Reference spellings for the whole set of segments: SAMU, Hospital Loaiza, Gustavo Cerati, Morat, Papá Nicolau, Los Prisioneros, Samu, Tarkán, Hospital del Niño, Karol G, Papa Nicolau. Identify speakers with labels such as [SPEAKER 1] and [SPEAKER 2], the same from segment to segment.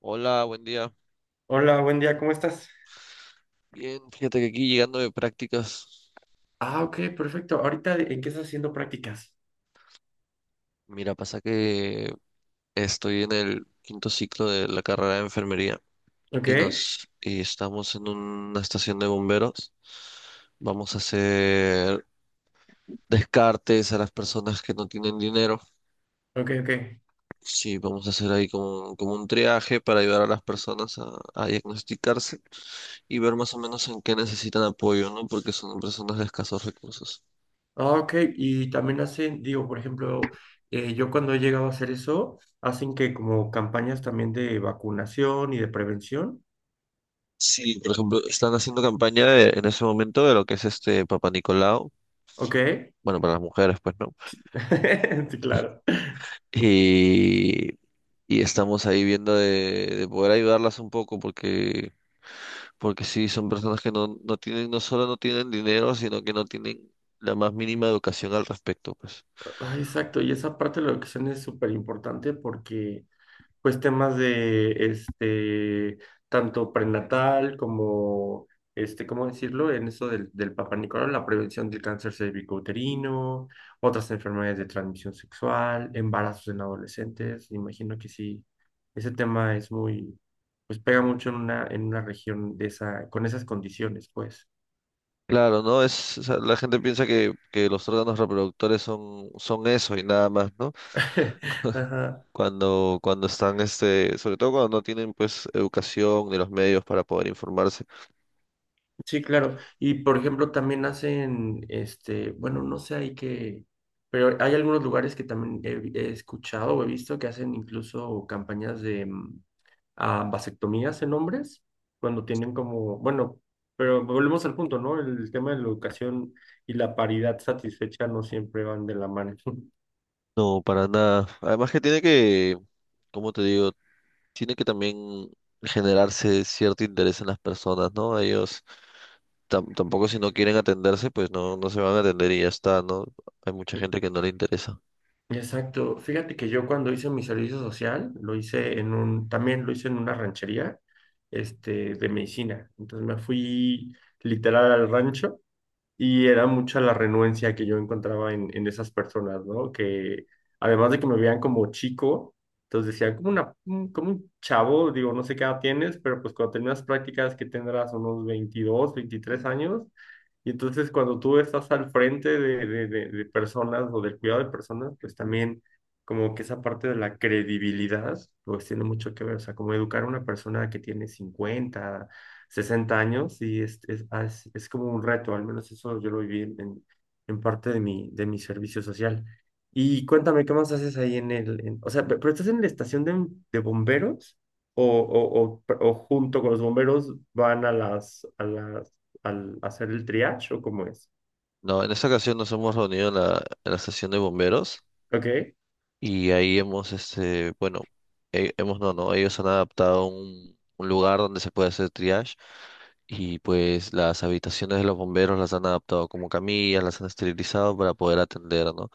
[SPEAKER 1] Hola, buen día.
[SPEAKER 2] Hola, buen día, ¿cómo estás?
[SPEAKER 1] Bien, fíjate que aquí llegando de prácticas,
[SPEAKER 2] Ah, ok, perfecto. Ahorita, ¿en qué estás haciendo prácticas?
[SPEAKER 1] mira, pasa que estoy en el quinto ciclo de la carrera de enfermería
[SPEAKER 2] Ok,
[SPEAKER 1] y estamos en una estación de bomberos. Vamos a hacer descartes a las personas que no tienen dinero.
[SPEAKER 2] ok, ok.
[SPEAKER 1] Sí, vamos a hacer ahí como un triaje para ayudar a las personas a diagnosticarse y ver más o menos en qué necesitan apoyo, ¿no? Porque son personas de escasos recursos.
[SPEAKER 2] Ah, ok, y también hacen, digo, por ejemplo, yo cuando he llegado a hacer eso, hacen que como campañas también de vacunación y de prevención.
[SPEAKER 1] Sí, por ejemplo, están haciendo en ese momento de lo que es este Papá Nicolau,
[SPEAKER 2] Ok,
[SPEAKER 1] bueno, para las mujeres, pues, ¿no?
[SPEAKER 2] sí, claro.
[SPEAKER 1] Y, y estamos ahí viendo de poder ayudarlas un poco, porque sí, son personas que no tienen, no solo no tienen dinero, sino que no tienen la más mínima educación al respecto, pues.
[SPEAKER 2] Ah, exacto, y esa parte de la educación es súper importante porque pues temas de este, tanto prenatal como ¿cómo decirlo? En eso del Papa Nicolau, la prevención del cáncer cervicouterino, otras enfermedades de transmisión sexual, embarazos en adolescentes. Imagino que sí, ese tema es pues pega mucho en una región de esa, con esas condiciones, pues.
[SPEAKER 1] Claro, ¿no? Es, o sea, la gente piensa que los órganos reproductores son eso y nada más, ¿no?
[SPEAKER 2] Ajá.
[SPEAKER 1] Cuando están, sobre todo cuando no tienen, pues, educación ni los medios para poder informarse.
[SPEAKER 2] Sí, claro. Y por ejemplo, también hacen, este, bueno, no sé, hay pero hay algunos lugares que también he escuchado o he visto que hacen incluso campañas de vasectomías en hombres, cuando tienen como, bueno, pero volvemos al punto, ¿no? El tema de la educación y la paridad satisfecha no siempre van de la mano.
[SPEAKER 1] No, para nada. Además que tiene que, como te digo, tiene que también generarse cierto interés en las personas, ¿no? Ellos tampoco si no quieren atenderse, pues no se van a atender y ya está, ¿no? Hay mucha gente que no le interesa.
[SPEAKER 2] Exacto. Fíjate que yo cuando hice mi servicio social, lo hice en también lo hice en una ranchería, este, de medicina. Entonces me fui literal al rancho y era mucha la renuencia que yo encontraba en esas personas, ¿no? Que además de que me veían como chico, entonces decían, como, como un chavo, digo, no sé qué edad tienes, pero pues cuando terminas prácticas que tendrás unos 22, 23 años, y entonces cuando tú estás al frente de personas o del cuidado de personas, pues también como que esa parte de la credibilidad, pues tiene mucho que ver, o sea, como educar a una persona que tiene 50 60 años y es como un reto, al menos eso yo lo viví en parte de mi servicio social. Y cuéntame, ¿qué más haces ahí en o sea, pero estás en la estación de bomberos o junto con los bomberos van a a las, al hacer el triage o cómo es?
[SPEAKER 1] No, en esta ocasión nos hemos reunido en la estación de bomberos
[SPEAKER 2] Ok,
[SPEAKER 1] y ahí hemos, este, bueno, hemos, no, no, ellos han adaptado un lugar donde se puede hacer triage y pues las habitaciones de los bomberos las han adaptado como camillas, las han esterilizado para poder atender, ¿no?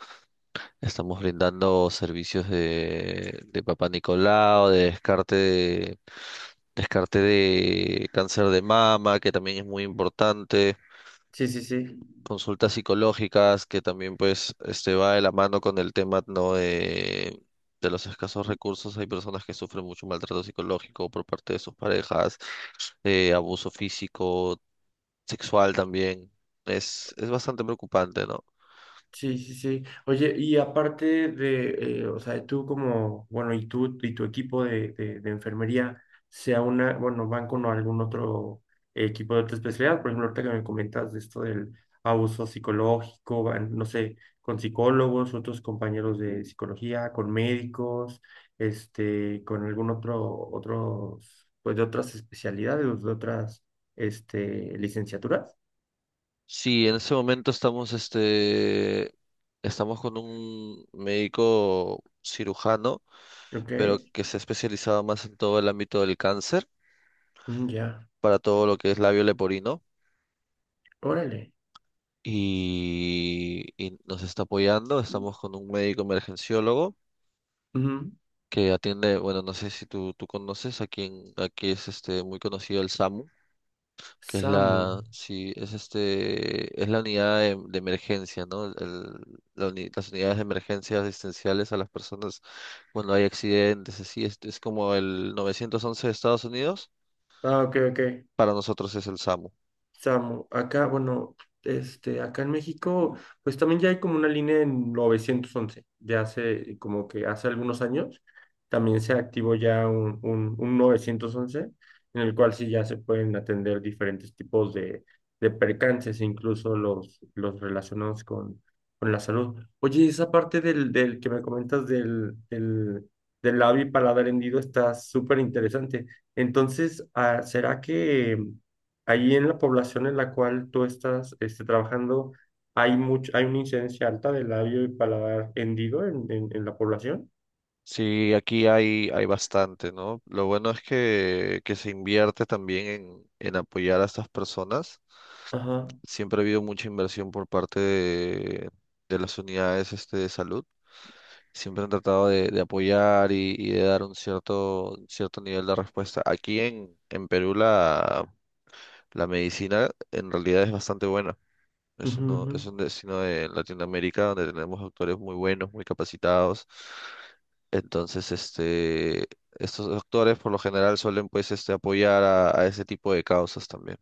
[SPEAKER 1] Estamos brindando servicios de Papá Nicolau, descarte de cáncer de mama, que también es muy importante,
[SPEAKER 2] sí, sí, sí.
[SPEAKER 1] consultas psicológicas, que también pues va de la mano con el tema, ¿no? De los escasos recursos. Hay personas que sufren mucho maltrato psicológico por parte de sus parejas, abuso físico, sexual también. Es bastante preocupante, ¿no?
[SPEAKER 2] Sí, sí, sí. Oye, y aparte de, o sea, tú como, bueno, y tú y tu equipo de enfermería, sea una, bueno, van con algún otro equipo de otra especialidad, por ejemplo, ahorita que me comentas de esto del abuso psicológico, van, no sé, con psicólogos, otros compañeros de psicología, con médicos, este, con algún otro, otros, pues de otras especialidades, de otras, este, licenciaturas.
[SPEAKER 1] Sí, en ese momento estamos, estamos con un médico cirujano,
[SPEAKER 2] Ok.
[SPEAKER 1] pero que se ha especializado más en todo el ámbito del cáncer,
[SPEAKER 2] Mm, ya.
[SPEAKER 1] para todo lo que es labio leporino,
[SPEAKER 2] Órale.
[SPEAKER 1] y nos está apoyando. Estamos con un médico emergenciólogo
[SPEAKER 2] Ujú.
[SPEAKER 1] que atiende, bueno, no sé si tú conoces, aquí es muy conocido el SAMU, que es
[SPEAKER 2] Samu.
[SPEAKER 1] la, sí, es la unidad de emergencia, ¿no? Las unidades de emergencia asistenciales a las personas cuando hay accidentes, así, es como el 911 de Estados Unidos,
[SPEAKER 2] Ah, ok, ok.
[SPEAKER 1] para nosotros es el SAMU.
[SPEAKER 2] Samu, acá, bueno, este, acá en México, pues también ya hay como una línea en 911, de hace, como que hace algunos años, también se activó ya un 911, en el cual sí ya se pueden atender diferentes tipos de percances, incluso los relacionados con la salud. Oye, esa parte del que me comentas del labio y paladar hendido está súper interesante. Entonces, ah, ¿será que... Ahí en la población en la cual tú estás este, trabajando, ¿hay mucho, hay una incidencia alta de labio y paladar hendido en la población?
[SPEAKER 1] Sí, aquí hay, hay bastante, ¿no? Lo bueno es que se invierte también en apoyar a estas personas.
[SPEAKER 2] Ajá.
[SPEAKER 1] Siempre ha habido mucha inversión por parte de las unidades de salud. Siempre han tratado de apoyar y de dar un cierto, cierto nivel de respuesta. Aquí en Perú la, la medicina en realidad es bastante buena. Es,
[SPEAKER 2] Ujú, ujú.
[SPEAKER 1] es un destino de Latinoamérica donde tenemos doctores muy buenos, muy capacitados. Entonces, estos doctores por lo general suelen pues apoyar a ese tipo de causas también.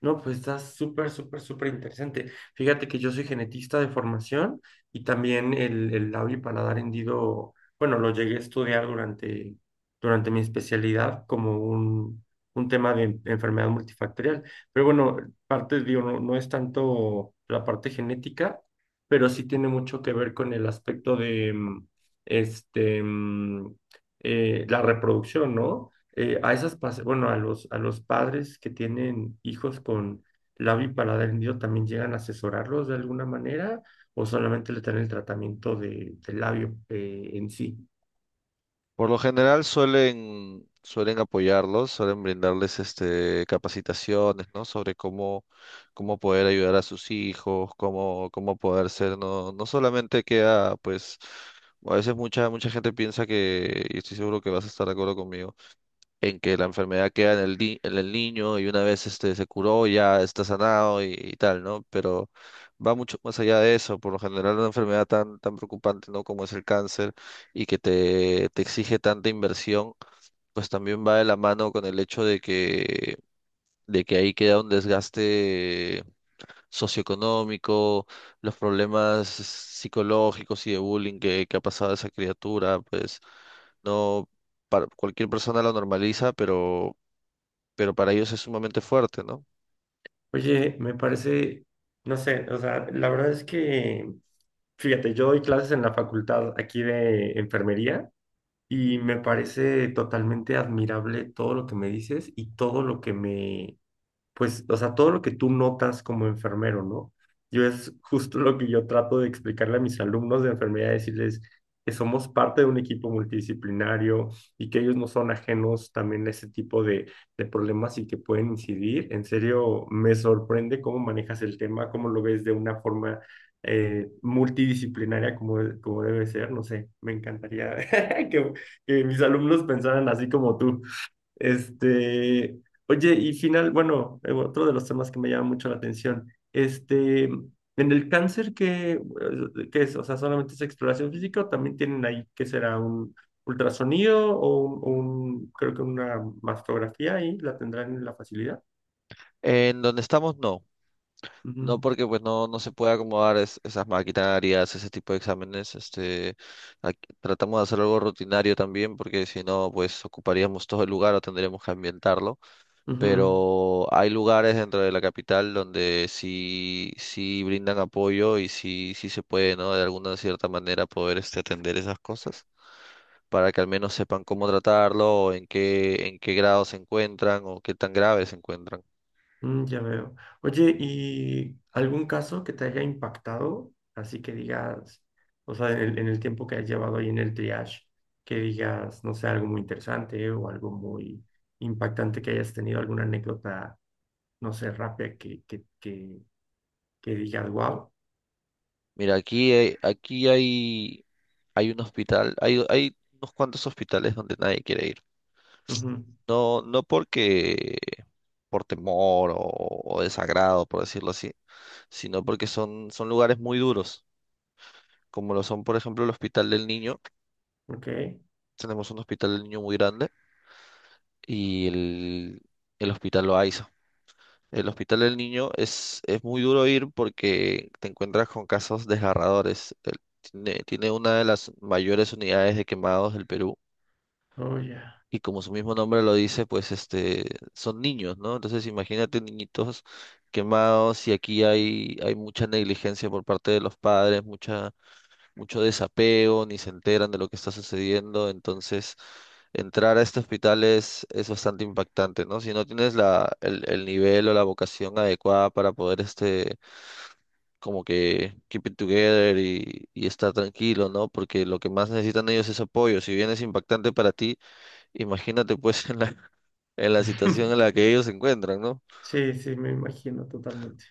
[SPEAKER 2] No, pues está súper, súper, súper interesante. Fíjate que yo soy genetista de formación y también el labio y paladar hendido, bueno, lo llegué a estudiar durante mi especialidad como un tema de enfermedad multifactorial. Pero bueno, parte, digo, no, no es tanto la parte genética, pero sí tiene mucho que ver con el aspecto de, este, mm, la reproducción, ¿no? A esas, pas- bueno, a los padres que tienen hijos con labio y paladar hendido, ¿también llegan a asesorarlos de alguna manera o solamente le dan el tratamiento del labio en sí?
[SPEAKER 1] Por lo general suelen apoyarlos, suelen brindarles capacitaciones, ¿no? Sobre cómo, cómo poder ayudar a sus hijos, cómo, cómo poder ser, no, no solamente queda, pues, a veces mucha gente piensa que, y estoy seguro que vas a estar de acuerdo conmigo, en que la enfermedad queda en el, ni- en el niño y una vez este se curó ya está sanado y tal, ¿no? Pero va mucho más allá de eso, por lo general una enfermedad tan preocupante, ¿no? Como es el cáncer y que te exige tanta inversión, pues también va de la mano con el hecho de que ahí queda un desgaste socioeconómico, los problemas psicológicos y de bullying que ha pasado a esa criatura, pues no, para, cualquier persona lo normaliza, pero para ellos es sumamente fuerte, ¿no?
[SPEAKER 2] Oye, me parece, no sé, o sea, la verdad es que, fíjate, yo doy clases en la facultad aquí de enfermería y me parece totalmente admirable todo lo que me dices y todo lo que me pues, o sea, todo lo que tú notas como enfermero, ¿no? Yo es justo lo que yo trato de explicarle a mis alumnos de enfermería, decirles que somos parte de un equipo multidisciplinario y que ellos no son ajenos también a ese tipo de problemas y que pueden incidir. En serio, me sorprende cómo manejas el tema, cómo lo ves de una forma multidisciplinaria como, como debe ser. No sé, me encantaría que, que mis alumnos pensaran así como tú. Este, oye, y final, bueno, otro de los temas que me llama mucho la atención, este, en el cáncer, ¿qué, qué es? O sea, ¿solamente es exploración física o también tienen ahí, qué será, un ultrasonido o creo que una mastografía ahí, la tendrán en la facilidad?
[SPEAKER 1] En donde estamos, no.
[SPEAKER 2] Ujú,
[SPEAKER 1] No porque pues no, no se puede acomodar esas maquinarias, ese tipo de exámenes. Tratamos de hacer algo rutinario también, porque si no, pues ocuparíamos todo el lugar o tendríamos que ambientarlo.
[SPEAKER 2] ujú.
[SPEAKER 1] Pero hay lugares dentro de la capital donde sí, sí brindan apoyo y sí, sí se puede, ¿no? De alguna cierta manera poder atender esas cosas para que al menos sepan cómo tratarlo, o en qué grado se encuentran o qué tan grave se encuentran.
[SPEAKER 2] Mm, ya veo. Oye, ¿y algún caso que te haya impactado? Así que digas, o sea, en el tiempo que has llevado ahí en el triage, que digas, no sé, algo muy interesante o algo muy impactante que hayas tenido, alguna anécdota, no sé, rápida que digas, wow.
[SPEAKER 1] Mira, aquí hay, hay un hospital, hay unos cuantos hospitales donde nadie quiere ir. No, no porque por temor o desagrado, por decirlo así, sino porque son, son lugares muy duros, como lo son, por ejemplo, el Hospital del Niño.
[SPEAKER 2] Ok,
[SPEAKER 1] Tenemos un Hospital del Niño muy grande y el Hospital Loaiza. El Hospital del Niño es muy duro ir porque te encuentras con casos desgarradores. Tiene, tiene una de las mayores unidades de quemados del Perú
[SPEAKER 2] oh, ya.
[SPEAKER 1] y como su mismo nombre lo dice, pues son niños, ¿no? Entonces imagínate niñitos quemados y aquí hay, hay mucha negligencia por parte de los padres, mucha mucho desapego, ni se enteran de lo que está sucediendo, entonces entrar a este hospital es bastante impactante, ¿no? Si no tienes el nivel o la vocación adecuada para poder, como que keep it together y estar tranquilo, ¿no? Porque lo que más necesitan ellos es apoyo. Si bien es impactante para ti, imagínate pues en en la situación en la que ellos se encuentran, ¿no?
[SPEAKER 2] Sí, sí, me imagino totalmente.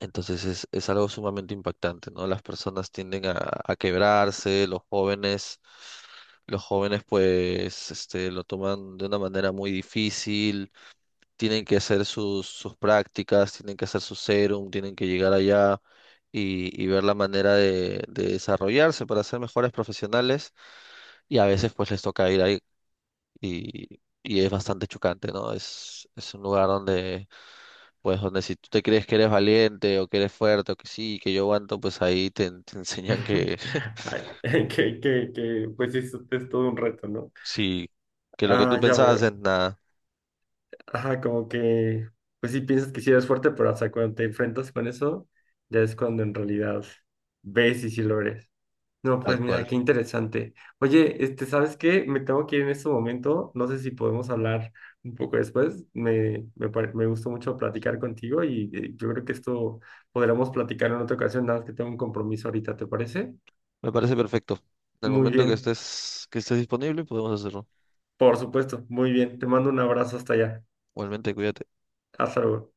[SPEAKER 1] Entonces es algo sumamente impactante, ¿no? Las personas tienden a quebrarse, los jóvenes pues lo toman de una manera muy difícil, tienen que hacer sus prácticas, tienen que hacer su serum, tienen que llegar allá y ver la manera de desarrollarse para ser mejores profesionales y a veces pues les toca ir ahí y es bastante chocante, ¿no? Es un lugar donde pues donde si tú te crees que eres valiente o que eres fuerte o que sí, que yo aguanto, pues ahí te enseñan que
[SPEAKER 2] Ay, pues eso es todo un reto, ¿no?
[SPEAKER 1] sí, que lo que tú
[SPEAKER 2] Ah, ya
[SPEAKER 1] pensabas
[SPEAKER 2] veo.
[SPEAKER 1] es nada,
[SPEAKER 2] Ajá, como que, pues sí piensas que sí eres fuerte, pero hasta cuando te enfrentas con eso, ya es cuando en realidad ves y sí lo eres. No,
[SPEAKER 1] tal
[SPEAKER 2] pues mira,
[SPEAKER 1] cual.
[SPEAKER 2] qué interesante. Oye, este, ¿sabes qué? Me tengo que ir en este momento. No sé si podemos hablar un poco después. Me gustó mucho platicar contigo y yo creo que esto podremos platicar en otra ocasión, nada más que tengo un compromiso ahorita, ¿te parece?
[SPEAKER 1] Me parece perfecto. En el
[SPEAKER 2] Muy
[SPEAKER 1] momento
[SPEAKER 2] bien,
[SPEAKER 1] que estés disponible, podemos hacerlo.
[SPEAKER 2] por supuesto, muy bien. Te mando un abrazo hasta allá.
[SPEAKER 1] Igualmente, cuídate.
[SPEAKER 2] Hasta luego.